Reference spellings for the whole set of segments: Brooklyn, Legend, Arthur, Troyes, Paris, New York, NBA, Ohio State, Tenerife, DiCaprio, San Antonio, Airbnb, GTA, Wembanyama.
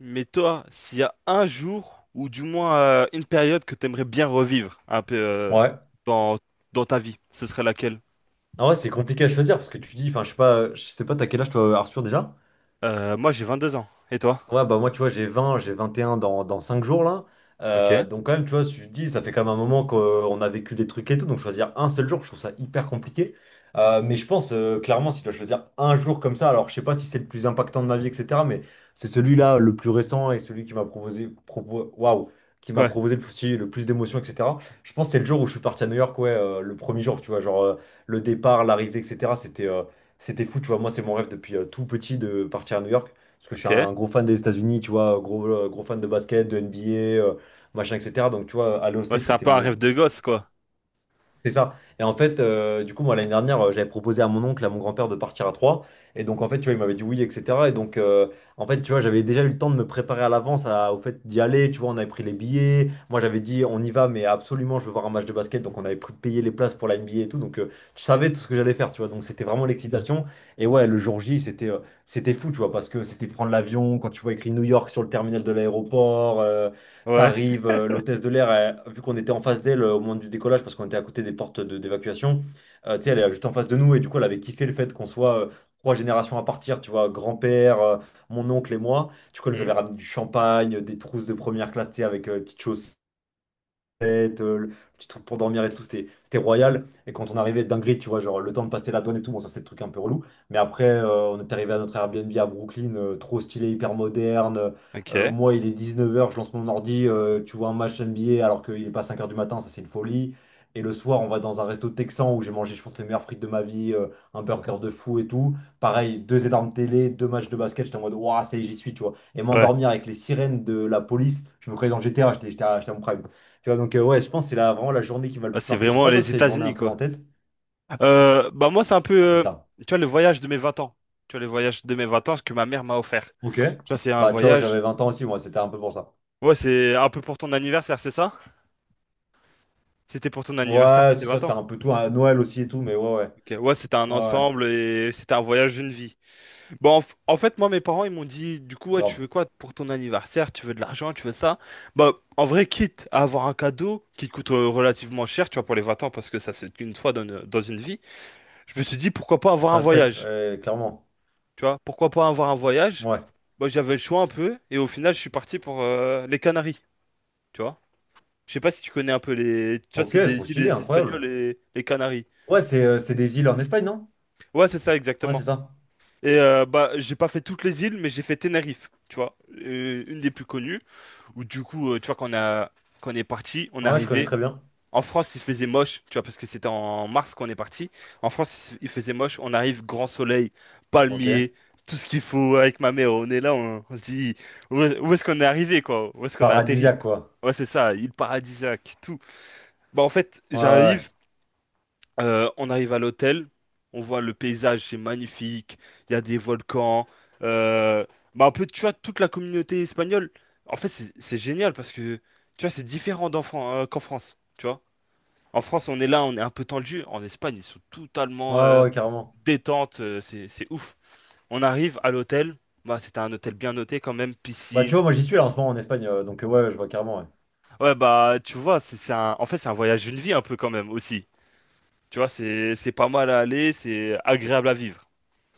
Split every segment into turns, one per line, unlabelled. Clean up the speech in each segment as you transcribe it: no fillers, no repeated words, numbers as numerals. Mais toi, s'il y a un jour, ou du moins une période que t'aimerais bien revivre un peu
Ouais.
dans, dans ta vie, ce serait laquelle?
Ah ouais, c'est compliqué à choisir parce que tu dis, enfin, je sais pas, t'as quel âge toi, Arthur, déjà?
Moi, j'ai 22 ans. Et toi?
Ouais, bah moi, tu vois, j'ai 21 dans 5 jours, là. Euh,
Ok.
donc, quand même, tu vois, si je te dis, ça fait quand même un moment qu'on a vécu des trucs et tout. Donc, choisir un seul jour, je trouve ça hyper compliqué. Mais je pense, clairement, si tu dois choisir un jour comme ça, alors je sais pas si c'est le plus impactant de ma vie, etc. Mais c'est celui-là le plus récent et celui qui m'a
Ouais.
proposé le plus d'émotions, etc. Je pense que c'est le jour où je suis parti à New York, ouais, le premier jour, tu vois, genre le départ, l'arrivée, etc. C'était fou, tu vois. Moi, c'est mon rêve depuis tout petit de partir à New York. Parce que je suis
Ok.
un gros fan des États-Unis, tu vois, gros fan de basket, de NBA, machin, etc. Donc, tu vois, Ohio
Moi,
State,
c'est un peu un rêve de gosse, quoi.
c'est ça. Et en fait, du coup, moi, l'année dernière, j'avais proposé à mon oncle, à mon grand-père de partir à Troyes. Et donc, en fait, tu vois, il m'avait dit oui, etc. Et donc, en fait, tu vois, j'avais déjà eu le temps de me préparer à l'avance au fait d'y aller. Tu vois, on avait pris les billets. Moi, j'avais dit, on y va, mais absolument, je veux voir un match de basket. Donc, on avait payé les places pour la NBA et tout. Donc, je savais tout ce que j'allais faire, tu vois. Donc, c'était vraiment l'excitation. Et ouais, le jour J, c'était fou, tu vois, parce que c'était prendre l'avion. Quand tu vois écrit New York sur le terminal de l'aéroport, euh,
Ouais.
T'arrives, euh, l'hôtesse de l'air, vu qu'on était en face d'elle au moment du décollage, parce qu'on était à côté des portes d'évacuation, tu sais, elle est juste en face de nous, et du coup, elle avait kiffé le fait qu'on soit trois générations à partir, tu vois, grand-père, mon oncle et moi. Du coup, elle nous
Hmm.
avait ramené du champagne, des trousses de première classe, tu sais, avec petites choses tête, le petit truc pour dormir et tout, c'était royal. Et quand on arrivait dinguerie, tu vois, genre le temps de passer la douane et tout, bon, ça c'est le truc un peu relou. Mais après, on est arrivé à notre Airbnb à Brooklyn, trop stylé, hyper moderne.
Ok. Ouais.
Moi, il est 19 h, je lance mon ordi, tu vois un match NBA alors qu'il est pas 5 heures du matin, ça c'est une folie. Et le soir, on va dans un resto texan où j'ai mangé, je pense, les meilleures frites de ma vie, un burger de fou et tout. Pareil, deux énormes télé, deux matchs de basket, j'étais en mode, waouh, ça y est, j'y suis, tu vois. Et m'endormir avec les sirènes de la police, je me croyais dans GTA, j'étais à mon prime. Tu vois, donc ouais, je pense que c'est vraiment la journée qui m'a le
Bah,
plus
c'est
marqué. Je sais
vraiment
pas, toi,
les
c'était une journée un
États-Unis,
peu
quoi.
en tête.
Bah, moi, c'est un peu,
Ah, c'est ça.
tu vois, le voyage de mes 20 ans. Tu vois, le voyage de mes 20 ans, ce que ma mère m'a offert.
Ok.
Tu vois, c'est un
Bah, tu vois,
voyage.
j'avais 20 ans aussi, moi, c'était un peu pour ça.
Ouais, c'est un peu pour ton anniversaire, c'est ça? C'était pour ton anniversaire,
Ouais,
pour tes
c'est ça,
20
c'était
ans.
un peu tout, hein, Noël aussi et tout, mais ouais, ouais.
Ok, ouais, c'était un
Ouais, ouais,
ensemble et c'était un voyage d'une vie. Bon, en fait, moi, mes parents, ils m'ont dit, du coup, ouais, tu
grave.
veux quoi pour ton anniversaire? Tu veux de l'argent? Tu veux ça? Bah, en vrai, quitte à avoir un cadeau qui coûte relativement cher, tu vois, pour les 20 ans, parce que ça, c'est qu'une fois dans une vie, je me suis dit, pourquoi pas avoir un
Ça se pète,
voyage?
ouais, clairement.
Tu vois, pourquoi pas avoir un voyage?
Ouais.
Bah, j'avais le choix un peu et au final, je suis parti pour les Canaries, tu vois. Je sais pas si tu connais un peu. Tu vois,
Ok,
c'est
trop
des îles
stylé,
les
incroyable.
Espagnoles et les Canaries.
Ouais, c'est des îles en Espagne, non?
Ouais, c'est ça,
Ouais, c'est
exactement.
ça.
Et bah, j'ai pas fait toutes les îles, mais j'ai fait Tenerife, tu vois, une des plus connues, où du coup, tu vois, quand on est parti, on est
Ouais, je connais
arrivé.
très bien.
En France, il faisait moche, tu vois, parce que c'était en mars qu'on est parti. En France, il faisait moche, on arrive, grand soleil,
Ok.
palmier, tout ce qu'il faut avec ma mère. On est là, on se dit, où est-ce qu'on est arrivé, quoi? Où est-ce qu'on a atterri?
Paradisiaque, quoi.
Ouais, c'est ça, île paradisiaque, tout. Bah, en fait,
Ouais, ouais,
on arrive à l'hôtel, on voit le paysage, c'est magnifique, il y a des volcans, euh, bah un peu, tu vois, toute la communauté espagnole. En fait, c'est génial parce que, tu vois, c'est différent qu'en France, tu vois. En France, on est là, on est un peu tendu. En Espagne, ils sont
ouais,
totalement
ouais, ouais, carrément.
détente, c'est ouf. On arrive à l'hôtel, bah c'était un hôtel bien noté quand même,
Bah, tu
piscine.
vois, moi, j'y suis là en ce moment en Espagne, donc ouais, ouais, je vois carrément, ouais.
Ouais, bah tu vois, c'est un, en fait, c'est un voyage d'une vie un peu quand même aussi. Tu vois, c'est pas mal à aller, c'est agréable à vivre.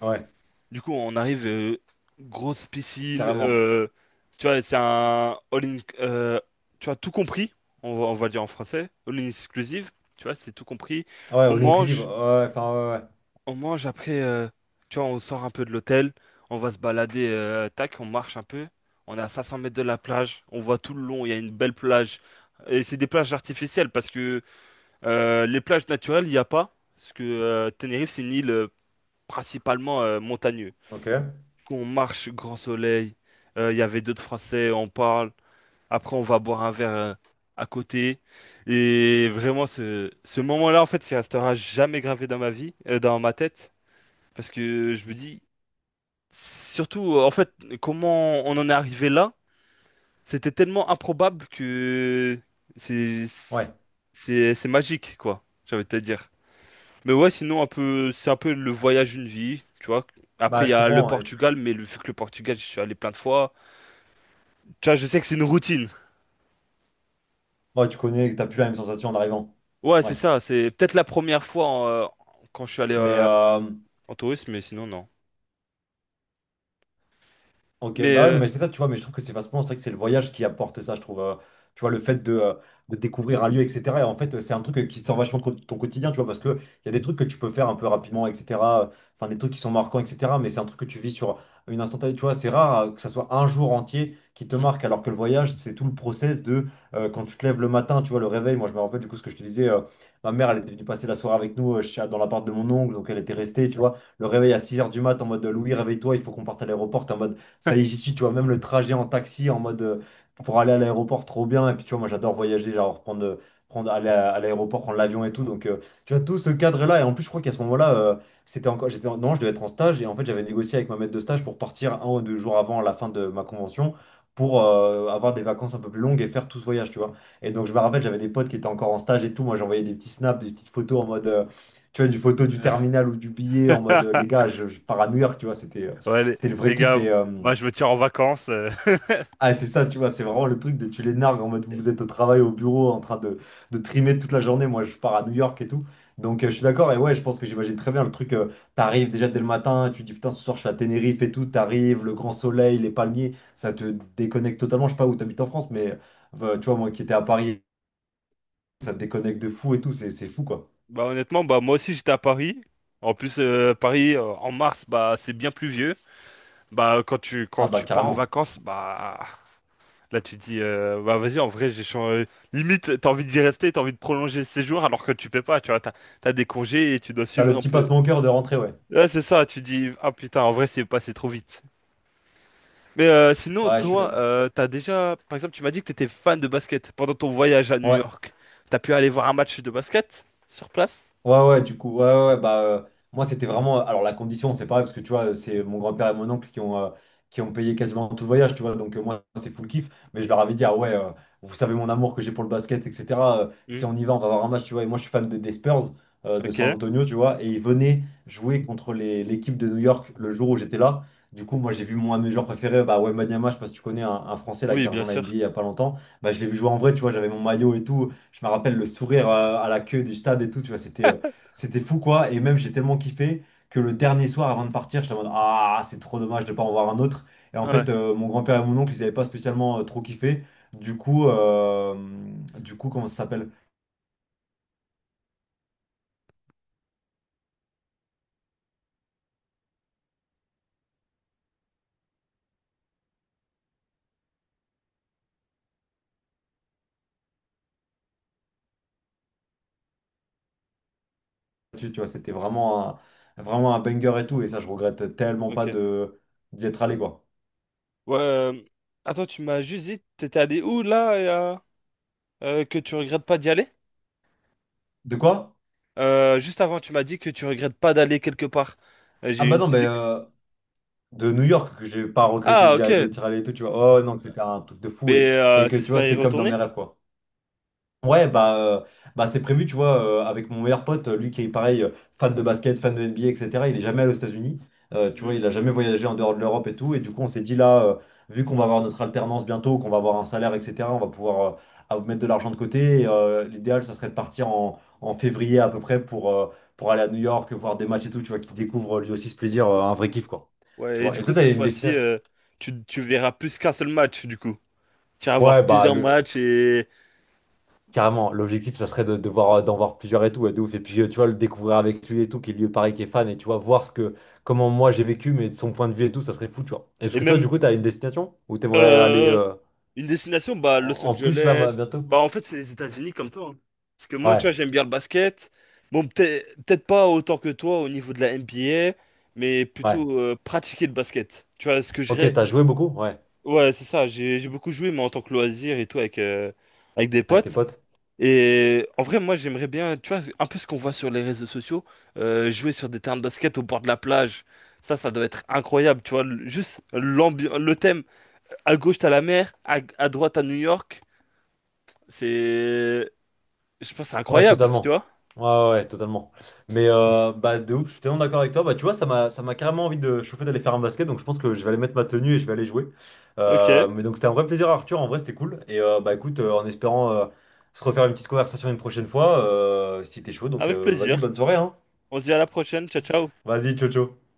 Ouais,
Du coup, on arrive, grosse piscine,
carrément.
tu vois, c'est un all-in, tu vois, tout compris, on va dire en français, all-in exclusive, tu vois, c'est tout compris.
Ouais,
On
all inclusive. Ouais,
mange,
ouais, enfin, ouais, ouais.
on mange après, tu vois, on sort un peu de l'hôtel, on va se balader, tac, on marche un peu, on est à 500 mètres de la plage, on voit tout le long, il y a une belle plage. Et c'est des plages artificielles parce que les plages naturelles, il n'y a pas, parce que Tenerife, c'est une île principalement montagneuse
Ok.
qu'on marche grand soleil. Il y avait d'autres Français, on parle. Après, on va boire un verre à côté. Et vraiment, ce moment-là, en fait, il restera jamais gravé dans ma vie, dans ma tête. Parce que je me dis, surtout, en fait, comment on en est arrivé là, c'était tellement improbable que c'est,
Ouais.
c'est magique, quoi, j'avais envie de te dire. Mais ouais, sinon, un peu, c'est un peu le voyage d'une vie, tu vois. Après,
Bah,
il y
je
a le
comprends, ouais.
Portugal, mais vu que le Portugal, je suis allé plein de fois. Tu vois, je sais que c'est une routine.
Ouais, tu connais, que t'as plus la même sensation en arrivant.
Ouais, c'est
Ouais.
ça. C'est peut-être la première fois quand je suis allé
Mais,
en tourisme, mais sinon, non.
ok,
Mais.
bah ouais, non, mais c'est ça, tu vois, mais je trouve que c'est facilement, c'est vrai que c'est le voyage qui apporte ça, je trouve, tu vois, le fait de découvrir un lieu, etc. Et en fait, c'est un truc qui sort vachement de ton quotidien, tu vois, parce qu'il y a des trucs que tu peux faire un peu rapidement, etc. Enfin, des trucs qui sont marquants, etc. Mais c'est un truc que tu vis sur une instantanée, tu vois. C'est rare que ça soit un jour entier qui te
Hmm.
marque, alors que le voyage, c'est tout le process de quand tu te lèves le matin, tu vois, le réveil. Moi, je me rappelle du coup ce que je te disais. Ma mère, elle était venue passer la soirée avec nous dans l'appart de mon oncle, donc elle était restée, tu vois. Le réveil à 6 heures du mat en mode Louis, réveille-toi, il faut qu'on parte à l'aéroport. T'es en mode ça y est, j'y suis, tu vois, même le trajet en taxi en mode pour aller à l'aéroport, trop bien. Et puis, tu vois, moi, j'adore voyager, genre prendre aller à l'aéroport, prendre l'avion et tout. Donc, tu vois, tout ce cadre-là. Et en plus, je crois qu'à ce moment-là, c'était encore, non, je devais être en stage. Et en fait, j'avais négocié avec ma maître de stage pour partir un ou deux jours avant la fin de ma convention pour avoir des vacances un peu plus longues et faire tout ce voyage, tu vois. Et donc, je me rappelle, j'avais des potes qui étaient encore en stage et tout. Moi, j'envoyais des petits snaps, des petites photos en mode, tu vois, du photo du terminal ou du billet en mode les gars, je pars à New York, tu vois, c'était euh,
Ouais, les,
c'était le vrai
les
kiff.
gars,
Et,
moi, je me tire en vacances.
ah, c'est ça, tu vois, c'est vraiment le truc de tu les nargues en mode vous êtes au travail, au bureau, en train de trimer toute la journée. Moi, je pars à New York et tout. Donc, je suis d'accord. Et ouais, je pense que j'imagine très bien le truc. T'arrives déjà dès le matin, tu te dis putain, ce soir, je suis à Tenerife et tout. T'arrives, le grand soleil, les palmiers, ça te déconnecte totalement. Je sais pas où t'habites en France, mais tu vois, moi qui étais à Paris, ça te déconnecte de fou et tout. C'est fou, quoi.
Bah, honnêtement, bah, moi aussi, j'étais à Paris. En plus, Paris, en mars, bah, c'est bien pluvieux. Bah, quand tu, quand
Ah, bah,
tu pars en
carrément.
vacances, bah. Là, tu te dis, bah vas-y, en vrai, j'ai changé. Limite, t'as envie d'y rester, t'as envie de prolonger le séjour alors que tu peux pas, tu vois. T'as des congés et tu dois
T'as le
suivre un
petit
peu.
passe-mon-cœur de rentrer, ouais.
Ouais, c'est ça, tu dis, ah putain, en vrai, c'est passé trop vite. Mais sinon,
Ouais, je suis
toi,
d'accord.
t'as déjà, par exemple, tu m'as dit que t'étais fan de basket pendant ton voyage à New
Ouais.
York. T'as pu aller voir un match de basket sur place?
Ouais, ouais, du coup, ouais, ouais, ouais, bah, moi, c'était vraiment. Alors, la condition, c'est pareil, parce que tu vois, c'est mon grand-père et mon oncle qui ont payé quasiment tout le voyage, tu vois. Donc, moi, c'est full kiff. Mais je leur avais dit, ah ouais, vous savez mon amour que j'ai pour le basket, etc.
Hmm,
Si on y va, on va avoir un match, tu vois. Et moi, je suis des Spurs de San
ok.
Antonio, tu vois. Et ils venaient jouer contre l'équipe de New York le jour où j'étais là. Du coup, moi, j'ai vu mon un de mes joueurs préférés, bah, Wembanyama, Banyama je sais pas si tu connais un Français là qui
Oui,
a
bien
rejoint la NBA
sûr.
il y a pas longtemps. Bah, je l'ai vu jouer en vrai, tu vois. J'avais mon maillot et tout. Je me rappelle le sourire à la queue du stade et tout, tu vois. C'était fou quoi, et même j'ai tellement kiffé que le dernier soir avant de partir, j'étais en mode ah, c'est trop dommage de pas en voir un autre. Et en
Ouais,
fait, mon grand-père et mon oncle, ils avaient pas spécialement trop kiffé. Du coup, euh, du coup, comment ça s'appelle? Tu vois, c'était vraiment un banger et tout, et ça, je regrette tellement pas
ok.
de d'y être allé quoi.
Ouais, attends, tu m'as juste dit, t'étais allé où là, que tu regrettes pas d'y aller?
De quoi?
Juste avant, tu m'as dit que tu regrettes pas d'aller quelque part.
Ah
J'ai
bah
une
non, mais
petite.
de New York, que j'ai pas regretté
Ah, ok.
d'être allé et tout, tu vois. Oh non, que c'était un truc de fou,
Mais
et, et que tu vois,
t'espères y
c'était comme dans mes
retourner?
rêves quoi. Ouais, bah, bah c'est prévu, tu vois, avec mon meilleur pote, lui qui est pareil, fan de basket, fan de NBA, etc. Il est jamais allé aux États-Unis. Tu vois, il a jamais voyagé en dehors de l'Europe et tout. Et du coup, on s'est dit là, vu qu'on va avoir notre alternance bientôt, qu'on va avoir un salaire, etc., on va pouvoir mettre de l'argent de côté. Et, l'idéal, ça serait de partir en février à peu près pour aller à New York, voir des matchs et tout, tu vois, qui découvre lui aussi ce plaisir, un vrai kiff, quoi. Tu
Ouais, et
vois,
du
et
coup,
toi, t'as
cette
une
fois-ci,
destination.
tu verras plus qu'un seul match, du coup. Tu vas voir
Ouais, bah,
plusieurs matchs et,
carrément, l'objectif, ça serait de voir, d'en voir plusieurs et tout, ouais, de ouf. Et puis, tu vois, le découvrir avec lui et tout, qui lui paraît qui est fan, et tu vois, voir ce que, comment moi j'ai vécu, mais de son point de vue et tout, ça serait fou, tu vois. Et parce
et
que toi,
même
du coup, t'as une destination où t'aimerais aller
euh, une destination, bah,
en,
Los
en plus là, bah,
Angeles.
bientôt?
Bah, en fait, c'est les États-Unis comme toi, hein. Parce que moi, tu
Ouais,
vois, j'aime bien le basket. Bon, peut-être pas autant que toi au niveau de la NBA, mais
ouais.
plutôt pratiquer le basket. Tu vois, ce que je
Ok,
dirais.
t'as joué beaucoup? Ouais,
Ouais, c'est ça. J'ai beaucoup joué, mais en tant que loisir et tout, avec des
avec tes
potes.
potes?
Et en vrai, moi, j'aimerais bien, tu vois, un peu ce qu'on voit sur les réseaux sociaux, jouer sur des terrains de basket au bord de la plage. Ça doit être incroyable, tu vois. Juste l'ambiance, le thème. À gauche, t'as la mer, à droite, à New York. C'est, je pense, que c'est
Ouais,
incroyable, tu
totalement.
vois.
Ouais, ouais, ouais, totalement. Mais bah, de ouf, je suis tellement d'accord avec toi. Bah, tu vois, ça m'a carrément envie de chauffer d'aller faire un basket. Donc, je pense que je vais aller mettre ma tenue et je vais aller jouer.
Ok,
Mais donc, c'était un vrai plaisir, Arthur. En vrai, c'était cool. Et bah, écoute, en espérant se refaire une petite conversation une prochaine fois, si t'es chaud. Donc,
avec
vas-y,
plaisir.
bonne soirée, hein.
On se dit à la prochaine. Ciao, ciao.
Vas-y, ciao, ciao.